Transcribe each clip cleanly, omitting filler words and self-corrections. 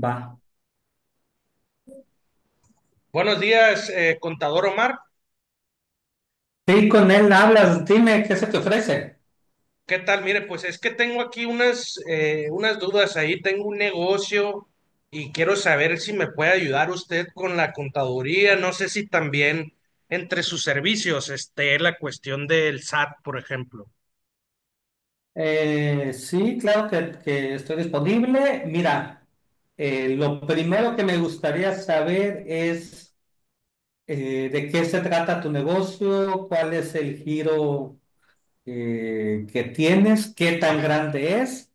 Va. Buenos días, contador Omar. Sí, con él hablas, dime qué se te ofrece. ¿Qué tal? Mire, pues es que tengo aquí unas, unas dudas ahí. Tengo un negocio y quiero saber si me puede ayudar usted con la contaduría. No sé si también entre sus servicios esté la cuestión del SAT, por ejemplo. Sí, claro que estoy disponible. Mira, lo primero que me gustaría saber es de qué se trata tu negocio, cuál es el giro que tienes, qué tan Ajá. grande es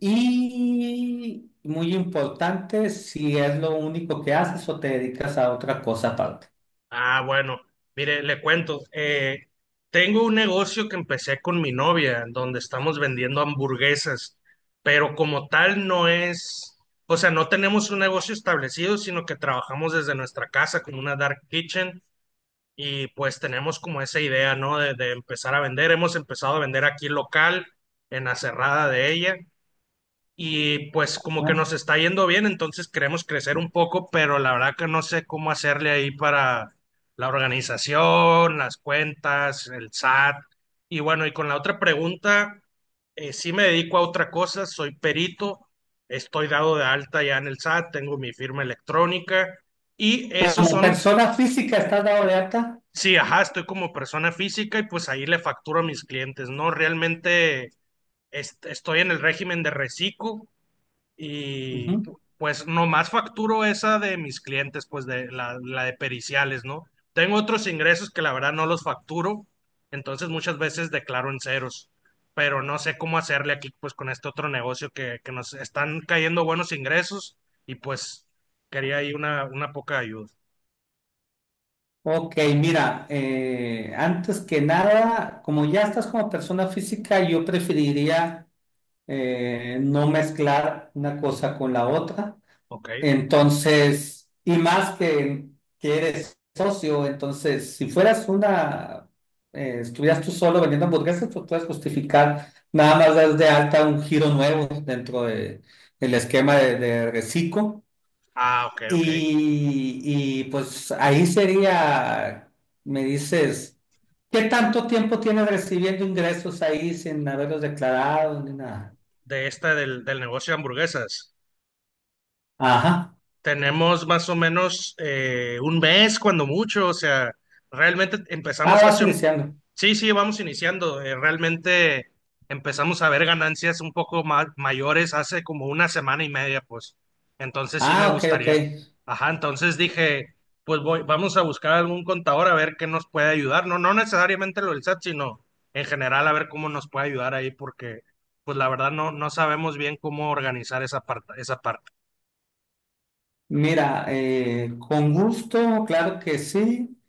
y, muy importante, si es lo único que haces o te dedicas a otra cosa aparte. Ah, bueno, mire, le cuento, tengo un negocio que empecé con mi novia, donde estamos vendiendo hamburguesas, pero como tal no es, o sea, no tenemos un negocio establecido, sino que trabajamos desde nuestra casa con una dark kitchen y pues tenemos como esa idea, ¿no? De empezar a vender. Hemos empezado a vender aquí local, en la cerrada de ella y pues como que ¿No? nos está yendo bien, entonces queremos crecer un poco, pero la verdad que no sé cómo hacerle ahí para la organización, las cuentas, el SAT. Y bueno, y con la otra pregunta, sí me dedico a otra cosa, soy perito, estoy dado de alta ya en el SAT, tengo mi firma electrónica y esos Como son, persona física, ¿estás dado de alta? sí, ajá, estoy como persona física y pues ahí le facturo a mis clientes, ¿no? Realmente estoy en el régimen de reciclo y pues nomás facturo esa de mis clientes, pues de la, la de periciales, ¿no? Tengo otros ingresos que la verdad no los facturo, entonces muchas veces declaro en ceros, pero no sé cómo hacerle aquí pues con este otro negocio que nos están cayendo buenos ingresos y pues quería ahí una poca ayuda, Ok, mira, antes que nada, como ya estás como persona física, yo preferiría no mezclar una cosa con la otra. ¿ok? Entonces, y más que eres socio, entonces, si fueras estuvieras tú solo vendiendo hamburguesas, pues puedes justificar nada más das de alta un giro nuevo del esquema de Recico. Ah, ok, ok. Pues ahí sería, me dices, ¿qué tanto tiempo tienes recibiendo ingresos ahí sin haberlos declarado ni nada? De esta del, del negocio de hamburguesas. Ajá. Tenemos más o menos un mes, cuando mucho, o sea, realmente Ah, empezamos vas hace un... iniciando. Sí, sí, vamos iniciando, realmente empezamos a ver ganancias un poco más mayores hace como una semana y media, pues, entonces sí me Ah, ok, ok. gustaría. Ajá, entonces dije, pues voy, vamos a buscar algún contador a ver qué nos puede ayudar, no, no necesariamente lo del SAT, sino en general a ver cómo nos puede ayudar ahí, porque pues la verdad no, no sabemos bien cómo organizar esa parte, esa parte. Mira, con gusto, claro que sí.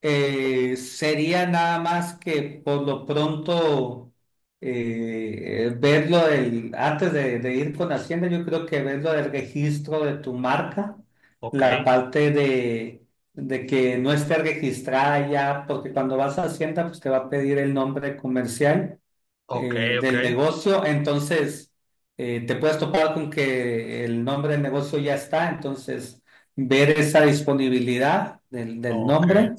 Sería nada más que por lo pronto antes de ir con Hacienda, yo creo que verlo del registro de tu marca, Ok. la parte de que no esté registrada ya, porque cuando vas a Hacienda, pues te va a pedir el nombre comercial Ok, ok, del negocio, entonces te puedes topar con que el nombre del negocio ya está, entonces ver esa disponibilidad del ok. nombre.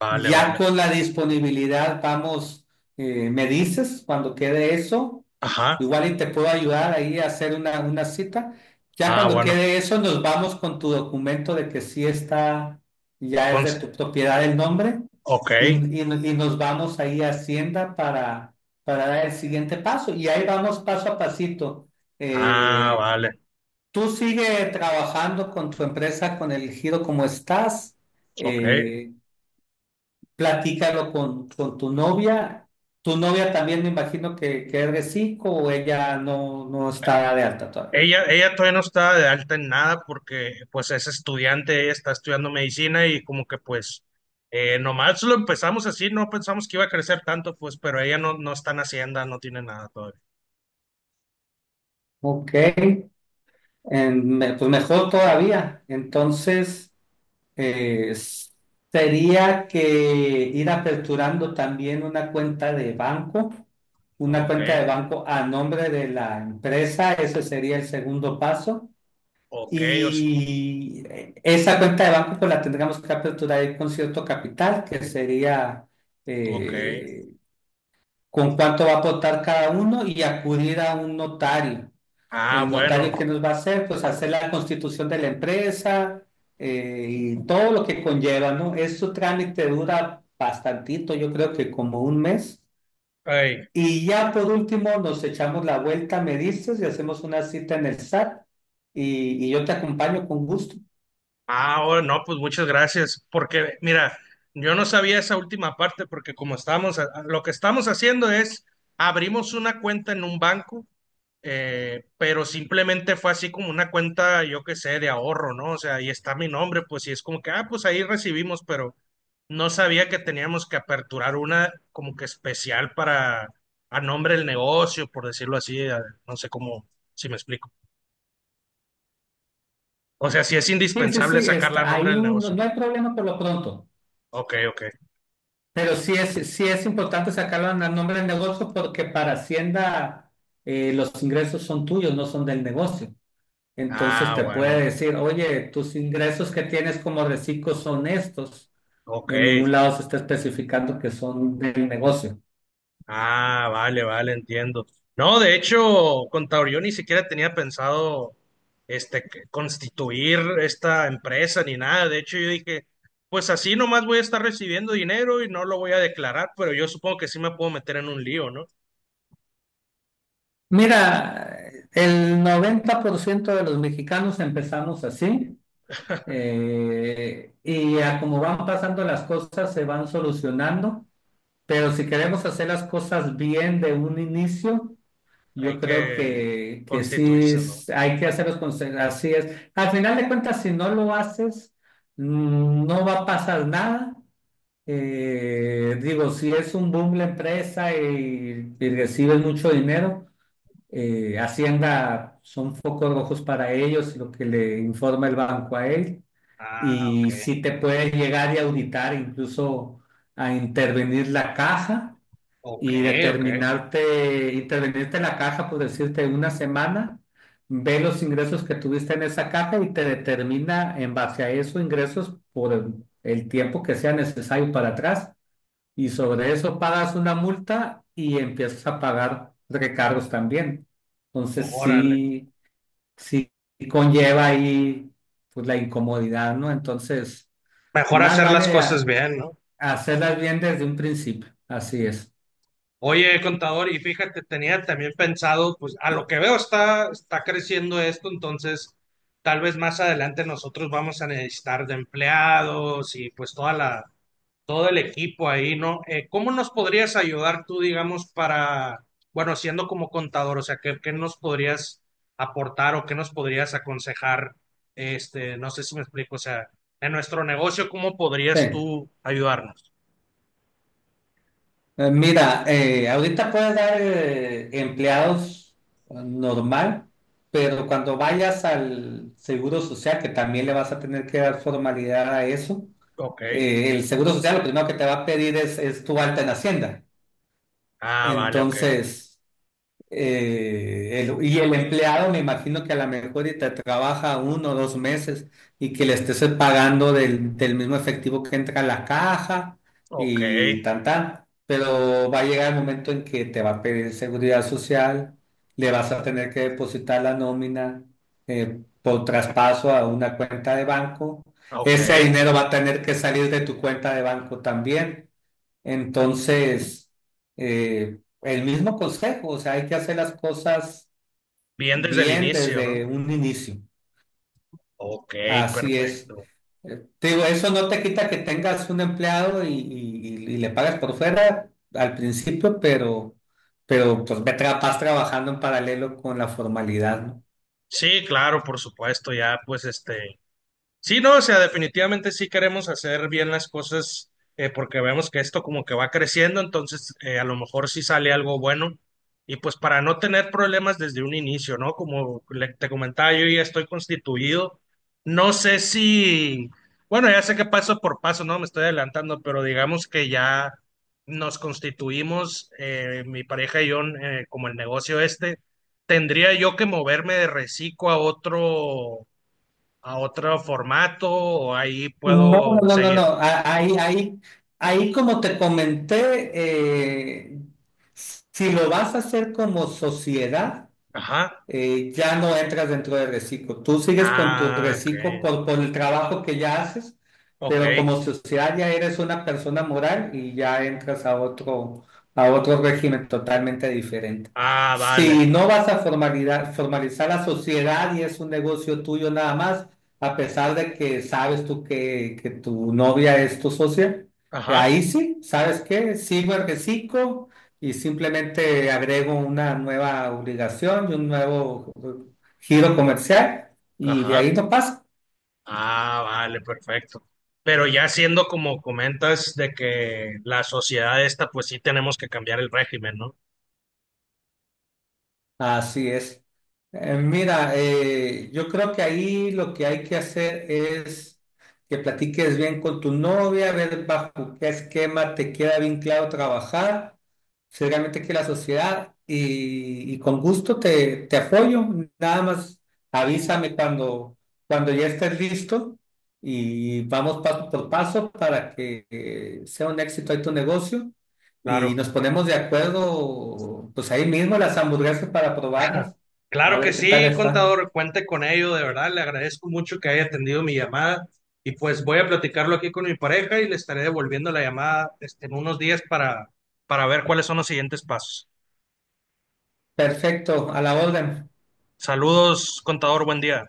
Vale, Ya vale. con la disponibilidad vamos, me dices cuando quede eso, Ajá. igual y te puedo ayudar ahí a hacer una cita. Ya Ah, cuando bueno. quede eso, nos vamos con tu documento de que sí está, ya es de Cons- tu propiedad el nombre Ok. y, y- y nos vamos ahí a Hacienda para dar el siguiente paso. Y ahí vamos paso a pasito. Ah, Eh, vale. tú sigue trabajando con tu empresa, con el giro como estás. Ok. Eh, Platícalo con tu novia. Tu novia también me imagino que es de cinco o ella no, no está de alta todavía. Ella todavía no está de alta en nada porque pues es estudiante, ella está estudiando medicina y como que pues nomás lo empezamos así, no pensamos que iba a crecer tanto, pues, pero ella no, no está en Hacienda, no tiene nada todavía. Ok, pues mejor todavía. Entonces, eh, s- sería que ir aperturando también una cuenta de banco, una Ok, cuenta de banco a nombre de la empresa, ese sería el segundo paso. ok, o s- Y esa cuenta de banco pues la tendríamos que aperturar ahí con cierto capital, que sería ok. eh, con cuánto va a aportar cada uno y acudir a un notario. Ah, El notario bueno. que nos va a hacer, pues hacer la constitución de la empresa y todo lo que conlleva, ¿no? Este trámite dura bastantito, yo creo que como un mes. Ey. Y ya por último nos echamos la vuelta, me dices, y hacemos una cita en el SAT y yo te acompaño con gusto. Ah, oh, no, pues muchas gracias, porque mira, yo no sabía esa última parte, porque como estamos, lo que estamos haciendo es, abrimos una cuenta en un banco, pero simplemente fue así como una cuenta, yo qué sé, de ahorro, ¿no? O sea, ahí está mi nombre, pues y es como que, ah, pues ahí recibimos, pero no sabía que teníamos que aperturar una como que especial para, a nombre del negocio, por decirlo así, a- no sé cómo, si me explico. O sea, si es Sí, sí, indispensable sí, sacarla a está, nombre ahí del no, negocio. no hay problema por lo pronto, Ok, ok. pero sí es importante sacarlo al nombre del negocio porque para Hacienda los ingresos son tuyos, no son del negocio. Entonces Ah, te puede bueno, decir, oye, tus ingresos que tienes como reciclo son estos. ok. En ningún lado se está especificando que son del negocio. Ah, vale, vale, entiendo. No, de hecho, contador, yo ni siquiera tenía pensado este, que- constituir esta empresa ni nada. De hecho, yo dije, pues así nomás voy a estar recibiendo dinero y no lo voy a declarar, pero yo supongo que sí me puedo meter en un lío, ¿no? Mira, el 90% de los mexicanos empezamos así y a como van pasando las cosas se van solucionando. Pero si queremos hacer las cosas bien de un inicio, Hay yo creo que que constituirse, ¿no? Hay que hacerlos así es. Al final de cuentas, si no lo haces, no va a pasar nada. Digo, si es un boom la empresa y recibes mucho dinero, Hacienda son focos rojos para ellos y lo que le informa el banco a él. Ah, ok, Y si te puede llegar y auditar, incluso a intervenir la caja ok, y ok. determinarte, intervenirte en la caja, por decirte, una semana, ve los ingresos que tuviste en esa caja y te determina en base a esos ingresos por el tiempo que sea necesario para atrás. Y sobre eso pagas una multa y empiezas a pagar recargos también. Entonces Órale. sí conlleva ahí pues, la incomodidad, ¿no? Entonces, Mejor más hacer las vale cosas a- bien, ¿no? hacerlas bien desde un principio. Así es. Oye, contador, y fíjate, tenía también pensado, pues a lo que veo está, está creciendo esto, entonces tal vez más adelante nosotros vamos a necesitar de empleados y pues toda la, todo el equipo ahí, ¿no? ¿Cómo nos podrías ayudar tú, digamos, para, bueno, siendo como contador, o sea, ¿qué, qué nos podrías aportar o qué nos podrías aconsejar? Este, no sé si me explico, o sea, en nuestro negocio, ¿cómo Sí. podrías tú ayudarnos? Mira, ahorita puedes dar empleados normal, pero cuando vayas al Seguro Social, que también le vas a tener que dar formalidad a eso, Ok. El Seguro Social lo primero que te va a pedir es tu alta en Hacienda. Ah, vale, ok. Entonces, y el empleado, me imagino que a lo mejor y te trabaja uno o dos meses y que le estés pagando del mismo efectivo que entra a la caja Ok. y tan tan. Pero va a llegar el momento en que te va a pedir seguridad social, le vas a tener que depositar la nómina por traspaso a una cuenta de banco. Ok, Ese dinero va a tener que salir de tu cuenta de banco también. Entonces, el mismo consejo, o sea, hay que hacer las cosas bien desde el bien inicio, desde ¿no? un inicio. Ok, Así es. perfecto. Te digo, eso no te quita que tengas un empleado y le pagas por fuera al principio, pero pues vas trabajando en paralelo con la formalidad, ¿no? Sí, claro, por supuesto, ya pues este. Sí, no, o sea, definitivamente sí queremos hacer bien las cosas porque vemos que esto como que va creciendo, entonces a lo mejor sí sale algo bueno. Y pues para no tener problemas desde un inicio, ¿no? Como te comentaba, yo ya estoy constituido. No sé si, bueno, ya sé que paso por paso, ¿no? Me estoy adelantando, pero digamos que ya nos constituimos, mi pareja y yo, como el negocio este. Tendría yo que moverme de Recico a otro formato o ahí No, puedo no, no. seguir. Ahí como te comenté, si lo vas a hacer como sociedad, Ajá. Ya no entras dentro de reciclo. Tú sigues con tu Ah, ok. reciclo por el trabajo que ya haces, Ok. pero como sociedad ya eres una persona moral y ya entras a otro régimen totalmente diferente. Ah, vale. Si no vas a formalizar, formalizar la sociedad y es un negocio tuyo nada más, a pesar de que sabes tú que tu novia es tu socia, Ajá. ahí sí, ¿sabes qué? Sigo el reciclo y simplemente agrego una nueva obligación y un nuevo giro comercial y de ahí Ajá. no pasa. Ah, vale, perfecto. Pero ya siendo como comentas de que la sociedad esta, pues sí tenemos que cambiar el régimen, ¿no? Así es. Mira, yo creo que ahí lo que hay que hacer es que platiques bien con tu novia, ver bajo qué esquema te queda bien claro trabajar, si realmente que la sociedad y con gusto te apoyo. Nada más avísame cuando, cuando ya estés listo y vamos paso por paso para que sea un éxito ahí tu negocio y Claro. nos ponemos de acuerdo, pues ahí mismo las hamburguesas para probarlas, a Claro que ver qué tal sí, está. contador, cuente con ello, de verdad, le agradezco mucho que haya atendido mi llamada y pues voy a platicarlo aquí con mi pareja y le estaré devolviendo la llamada este, en unos días para ver cuáles son los siguientes pasos. Perfecto, a la orden. Saludos, contador, buen día.